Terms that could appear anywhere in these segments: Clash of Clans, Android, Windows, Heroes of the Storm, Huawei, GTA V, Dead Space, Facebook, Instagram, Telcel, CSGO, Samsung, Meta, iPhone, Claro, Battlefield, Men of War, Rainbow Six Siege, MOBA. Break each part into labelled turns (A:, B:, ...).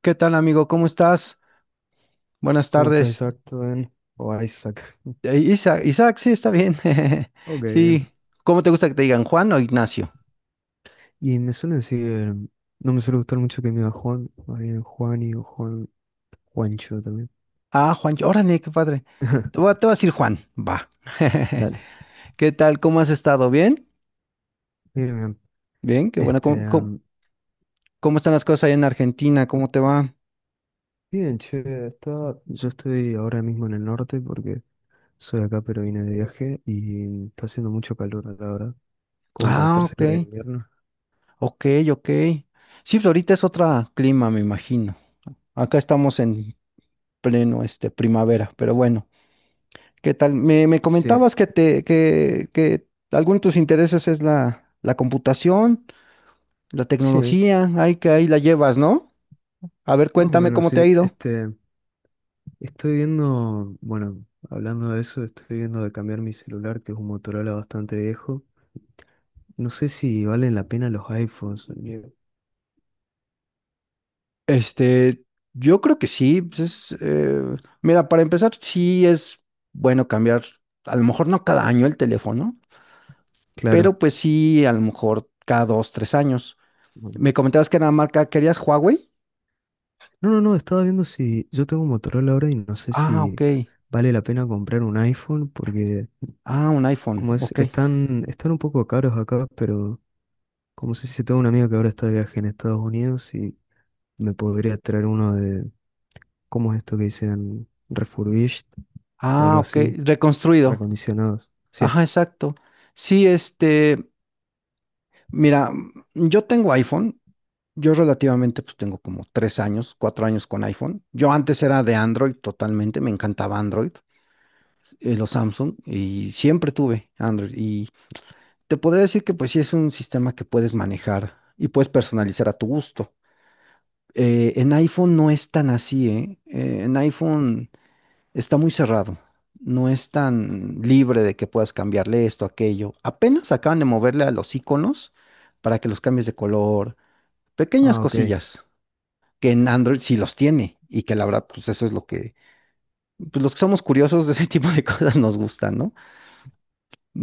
A: ¿Qué tal, amigo? ¿Cómo estás? Buenas
B: ¿Cómo estás,
A: tardes.
B: Isaac? ¿Todo bien? O Isaac.
A: Isaac, sí, está bien.
B: Ok, bien.
A: Sí. ¿Cómo te gusta que te digan, Juan o Ignacio?
B: Y me suelen decir, no me suele gustar mucho que me diga Juan, más bien Juani o Juan, Juancho también.
A: Ah, Juan, órale, qué padre. Te voy a decir Juan, va.
B: Dale.
A: ¿Qué tal? ¿Cómo has estado? ¿Bien?
B: Bien, bien.
A: Bien, qué bueno.
B: Este, am,
A: ¿Cómo están las cosas ahí en Argentina? ¿Cómo te va?
B: bien, che, está, yo estoy ahora mismo en el norte porque soy acá, pero vine de viaje y está haciendo mucho calor acá ahora, como para
A: Ah,
B: estar
A: ok,
B: cerca de invierno.
A: ok, ok. Sí, pues ahorita es otro clima, me imagino. Acá estamos en pleno, primavera, pero bueno. ¿Qué tal? Me
B: Sí,
A: comentabas que alguno de tus intereses es la computación, la
B: sí,
A: tecnología, ahí que ahí la llevas, ¿no? A ver,
B: más o
A: cuéntame
B: menos,
A: cómo te ha
B: sí.
A: ido.
B: Estoy viendo, bueno, hablando de eso, estoy viendo de cambiar mi celular, que es un Motorola bastante viejo. No sé si valen la pena los iPhones.
A: Este, yo creo que sí. Pues es, mira, para empezar, sí es bueno cambiar, a lo mejor no cada año el teléfono,
B: Claro.
A: pero pues sí, a lo mejor cada dos, tres años.
B: No,
A: Me comentabas que era marca, ¿querías Huawei?
B: no, estaba viendo si yo tengo un Motorola ahora y no sé
A: Ah, ok.
B: si vale la pena comprar un iPhone, porque
A: Ah, un iPhone,
B: como es,
A: ok.
B: están un poco caros acá, pero como sé si tengo una amiga que ahora está de viaje en Estados Unidos y me podría traer uno de, ¿cómo es esto que dicen? Refurbished o
A: Ah,
B: algo
A: ok.
B: así,
A: Reconstruido.
B: reacondicionados. Sí.
A: Ajá, exacto. Sí, mira, yo tengo iPhone, yo relativamente pues tengo como tres años, cuatro años con iPhone. Yo antes era de Android totalmente, me encantaba Android, los Samsung, y siempre tuve Android. Y te podría decir que pues sí es un sistema que puedes manejar y puedes personalizar a tu gusto. En iPhone no es tan así, ¿eh? En iPhone... Está muy cerrado. No es tan libre de que puedas cambiarle esto, aquello. Apenas acaban de moverle a los iconos para que los cambies de color. Pequeñas
B: Ah, ok.
A: cosillas que en Android sí los tiene y que la verdad, pues eso es pues los que somos curiosos de ese tipo de cosas nos gustan, ¿no?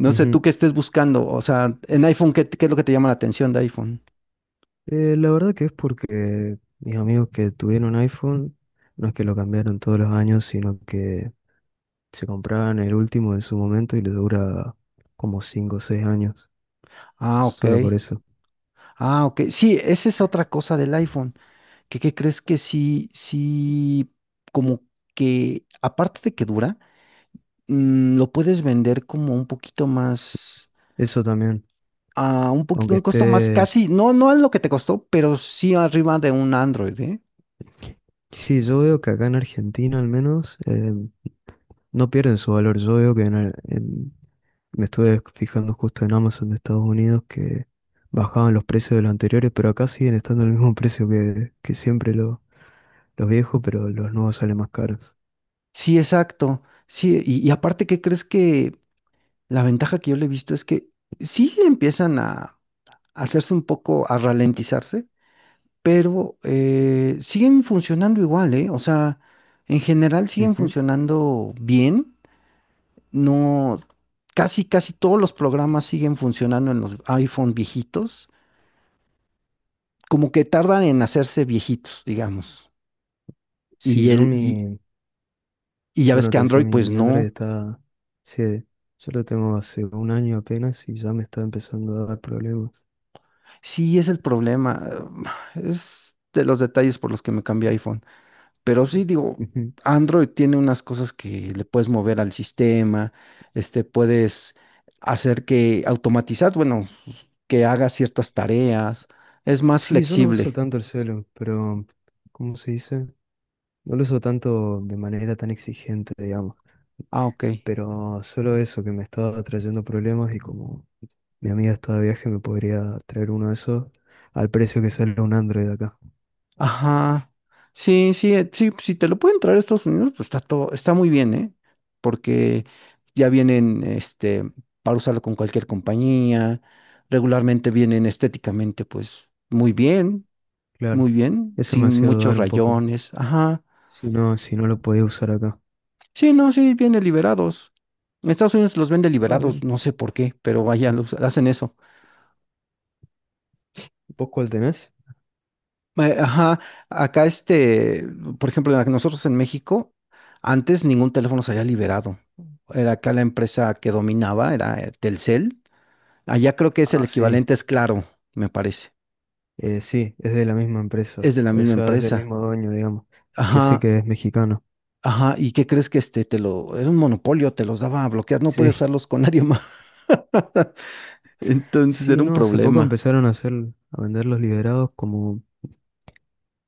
A: No sé
B: Ujú.
A: tú qué estés buscando. O sea, en iPhone, ¿qué es lo que te llama la atención de iPhone?
B: La verdad que es porque mis amigos que tuvieron iPhone, no es que lo cambiaron todos los años, sino que se compraban el último en su momento y les dura como 5 o 6 años,
A: Ah, ok.
B: solo por eso.
A: Ah, ok. Sí, esa es otra cosa del iPhone. ¿Qué crees que como que aparte de que dura? Mm, lo puedes vender como un poquito más,
B: Eso también,
A: a un poquito,
B: aunque
A: un costo más
B: esté...
A: casi, no, no es lo que te costó, pero sí arriba de un Android, ¿eh?
B: Sí, yo veo que acá en Argentina al menos no pierden su valor. Yo veo que me estuve fijando justo en Amazon de Estados Unidos que bajaban los precios de los anteriores, pero acá siguen estando al mismo precio que siempre los viejos, pero los nuevos salen más caros.
A: Sí, exacto. Sí, y aparte, ¿qué crees que la ventaja que yo le he visto es que sí empiezan a hacerse un poco, a ralentizarse, pero siguen funcionando igual, ¿eh? O sea, en general siguen
B: Ujú.
A: funcionando bien, no, casi todos los programas siguen funcionando en los iPhone viejitos. Como que tardan en hacerse viejitos, digamos.
B: Sí,
A: Y,
B: yo
A: el, y,
B: mi,
A: y ya ves
B: bueno,
A: que
B: te decía,
A: Android, pues
B: mi Android
A: no.
B: está, sí, yo lo tengo hace un año apenas y ya me está empezando a dar problemas.
A: Sí, es el problema. Es de los detalles por los que me cambié a iPhone. Pero sí, digo,
B: Ujú.
A: Android tiene unas cosas que le puedes mover al sistema, puedes hacer que automatizar, bueno, que haga ciertas tareas. Es más
B: Sí, yo no uso
A: flexible.
B: tanto el celu, pero, ¿cómo se dice? No lo uso tanto de manera tan exigente, digamos,
A: Ah, ok.
B: pero solo eso que me está trayendo problemas y como mi amiga está de viaje me podría traer uno de esos al precio que sale un Android acá.
A: Ajá. Sí, sí, sí, si te lo pueden traer a Estados Unidos, pues está todo, está muy bien, ¿eh? Porque ya vienen, para usarlo con cualquier compañía, regularmente vienen estéticamente, pues,
B: Claro.
A: muy bien,
B: Eso me ha
A: sin
B: sido
A: muchos
B: dudar un poco.
A: rayones, ajá.
B: Si no, si no lo podía usar acá.
A: Sí, no, sí, vienen liberados. En Estados Unidos los venden
B: Ah,
A: liberados,
B: bien.
A: no sé por qué, pero vaya, los hacen eso.
B: ¿Vos cuál tenés?
A: Ajá, acá por ejemplo, nosotros en México, antes ningún teléfono se había liberado. Era acá la empresa que dominaba, era Telcel. Allá creo que es el
B: Ah, sí.
A: equivalente, es Claro, me parece.
B: Sí, es de la misma
A: Es
B: empresa.
A: de la
B: O
A: misma
B: sea, es del
A: empresa.
B: mismo dueño, digamos. Que sé
A: Ajá,
B: que es mexicano.
A: ajá. ¿Y qué crees que este te lo, era un monopolio, te los daba a bloquear, no
B: Sí.
A: podías usarlos con nadie más. Entonces
B: Sí,
A: era un
B: no, hace poco
A: problema.
B: empezaron a hacer, a vender los liberados como,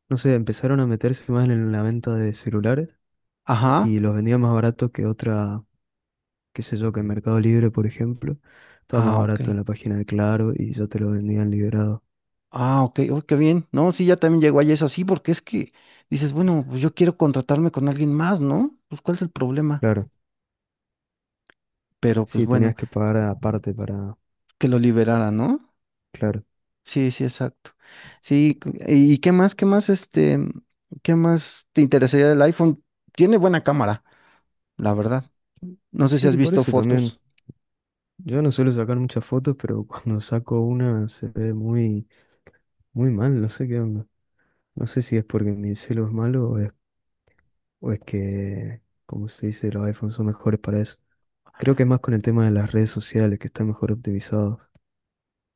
B: no sé, empezaron a meterse más en la venta de celulares
A: Ajá.
B: y los vendían más barato que otra, qué sé yo, que en Mercado Libre, por ejemplo. Estaba más
A: Ah, ok.
B: barato en la página de Claro y ya te lo vendían liberado.
A: Ah, ok, oh, qué bien. No, sí, ya también llegó ahí eso así, porque es que dices, bueno, pues yo quiero contratarme con alguien más, ¿no? Pues ¿cuál es el problema?
B: Claro.
A: Pero pues
B: Sí,
A: bueno,
B: tenías que pagar aparte para,
A: que lo liberara, ¿no?
B: claro.
A: Sí, sí, exacto. Sí, ¿y qué más, qué más te interesaría del iPhone? Tiene buena cámara, la verdad. No sé si has
B: Sí, por
A: visto
B: eso también.
A: fotos.
B: Yo no suelo sacar muchas fotos, pero cuando saco una se ve muy, muy mal, no sé qué onda. No sé si es porque mi celu es malo o es que, como se dice, los iPhones son mejores para eso. Creo que es más con el tema de las redes sociales, que están mejor optimizados.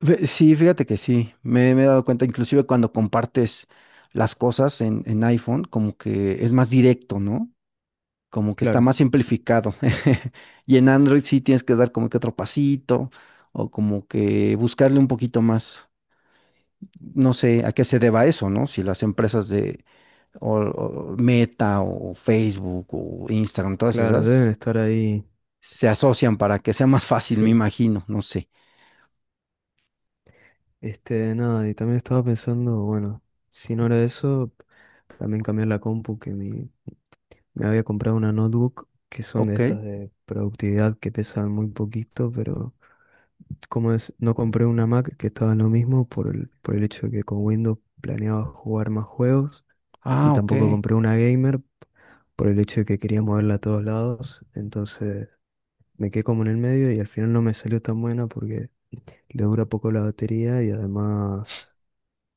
A: Sí, fíjate que sí, me he dado cuenta, inclusive cuando compartes las cosas en iPhone, como que es más directo, ¿no? Como que está
B: Claro,
A: más simplificado. Y en Android sí tienes que dar como que otro pasito o como que buscarle un poquito más. No sé a qué se deba eso, ¿no? Si las empresas de o- o Meta o Facebook o Instagram, todas
B: claro, deben
A: esas,
B: estar ahí.
A: se asocian para que sea más fácil, me
B: Sí.
A: imagino, no sé.
B: Este, nada, y también estaba pensando, bueno, si no era eso, también cambiar la compu, me había comprado una notebook, que son de
A: Ok.
B: estas de productividad que pesan muy poquito, pero ¿Cómo es? No compré una Mac que estaba en lo mismo por por el hecho de que con Windows planeaba jugar más juegos y
A: Ah, ok.
B: tampoco compré una gamer por el hecho de que quería moverla a todos lados. Entonces me quedé como en el medio y al final no me salió tan buena porque le dura poco la batería y además,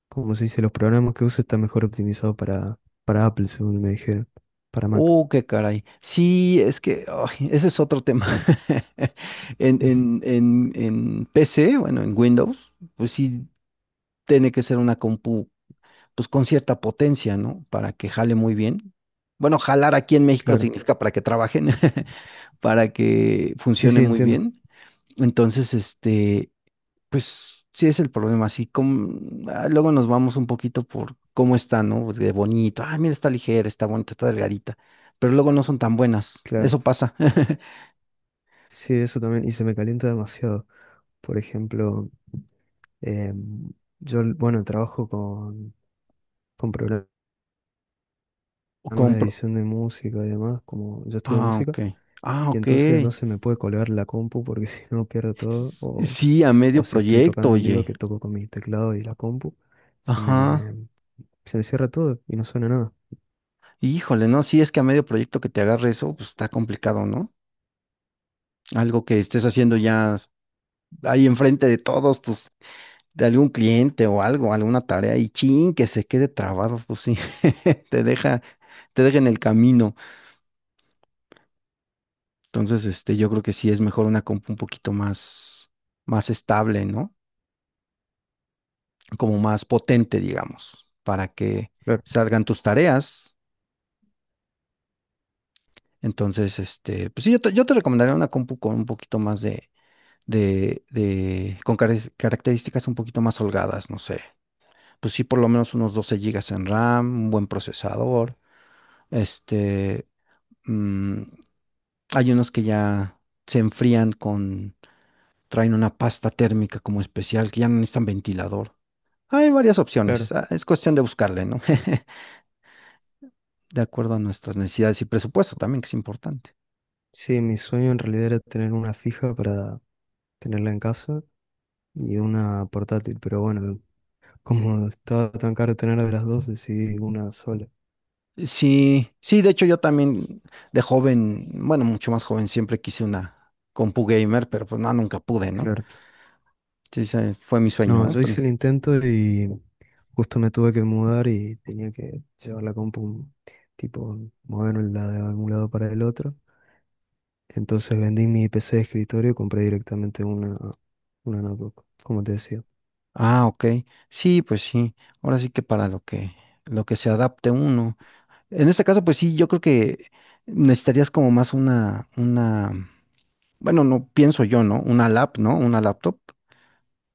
B: como se dice, los programas que uso están mejor optimizados para Apple, según me dijeron, para Mac.
A: Oh, qué caray. Sí, es que ay, ese es otro tema. En PC, bueno, en Windows, pues sí, tiene que ser una compu, pues con cierta potencia, ¿no? Para que jale muy bien. Bueno, jalar aquí en México
B: Claro.
A: significa para que trabajen, para que
B: Sí,
A: funcione
B: sí,
A: muy
B: entiendo.
A: bien. Entonces, pues sí es el problema, así como, ah, luego nos vamos un poquito por cómo está, ¿no? De bonito, ah, mira, está ligera, está bonita, está delgadita, pero luego no son tan buenas,
B: Claro.
A: eso pasa.
B: Sí, eso también. Y se me calienta demasiado. Por ejemplo... Em, yo, bueno, con programas
A: O
B: de
A: compro,
B: edición de música y demás, como yo estudio
A: ah, ok,
B: música,
A: ah,
B: y
A: ok,
B: entonces no se me puede colgar la compu porque si no pierdo todo,
A: Sí, a medio
B: o si estoy
A: proyecto,
B: tocando en vivo,
A: oye,
B: que toco con mi teclado y la compu, se
A: ajá.
B: me, se me cierra todo y no suena nada.
A: Híjole, no, sí es que a medio proyecto que te agarre eso, pues está complicado, ¿no? Algo que estés haciendo ya ahí enfrente de todos tus, de algún cliente o algo, alguna tarea y chin, que se quede trabado, pues sí, te deja, te deja en el camino. Entonces, yo creo que sí es mejor una compu un poquito más estable, ¿no? Como más potente, digamos, para que
B: Claro.
A: salgan tus tareas. Entonces, pues sí, yo te recomendaría una compu con un poquito más de características un poquito más holgadas, no sé. Pues sí, por lo menos unos 12 GB de RAM, un buen procesador. Este, mm, hay unos que ya se enfrían con, traen una pasta térmica como especial, que ya no necesitan ventilador. Hay varias opciones,
B: Claro.
A: ah, es cuestión de buscarle, ¿no? De acuerdo a nuestras necesidades y presupuesto también, que es importante.
B: Sí, mi sueño en realidad era tener una fija para tenerla en casa y una portátil, pero bueno, como estaba tan caro tener de las dos, decidí una sola.
A: Sí, sí, de hecho yo también de joven, bueno, mucho más joven, siempre quise una compu gamer, pero pues no, nunca pude, ¿no?
B: Claro.
A: Sí, ese fue mi sueño,
B: No,
A: ¿no?
B: yo
A: Pero-
B: hice el intento y justo me tuve que mudar y tenía que llevar la compu, tipo, moverla de un lado para el otro. Entonces vendí mi PC de escritorio y compré directamente una notebook, como te decía.
A: ah, ok. Sí, pues sí. Ahora sí que para lo que se adapte uno. En este caso, pues sí, yo creo que necesitarías como más bueno, no pienso yo, ¿no? Una lap, ¿no? Una laptop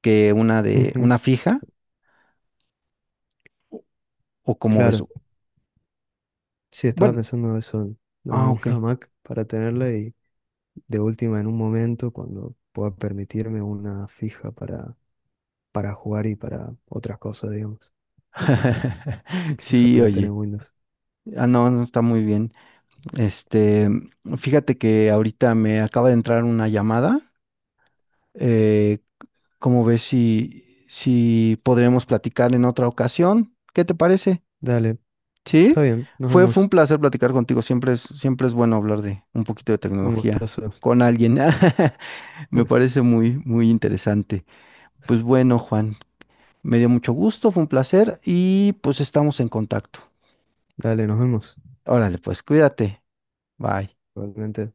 A: que
B: Ujú,
A: una fija, o como ves.
B: claro, sí, estaba
A: Bueno,
B: pensando eso, nada,
A: ah, ok.
B: una Mac para tenerla y de última en un momento cuando pueda permitirme una fija para jugar y para otras cosas, digamos, que
A: Sí,
B: suele tener
A: oye.
B: Windows.
A: Ah, no, no está muy bien. Este, fíjate que ahorita me acaba de entrar una llamada. Eh, ¿Cómo ves si podremos platicar en otra ocasión? ¿Qué te parece?
B: Dale, está
A: ¿Sí?
B: bien, nos
A: Fue un
B: vemos.
A: placer platicar contigo. Siempre es bueno hablar de un poquito de
B: Un
A: tecnología
B: gustazo.
A: con alguien. Me parece muy interesante. Pues bueno, Juan, me dio mucho gusto, fue un placer y pues estamos en contacto.
B: Dale, nos vemos.
A: Órale, pues cuídate. Bye.
B: Igualmente.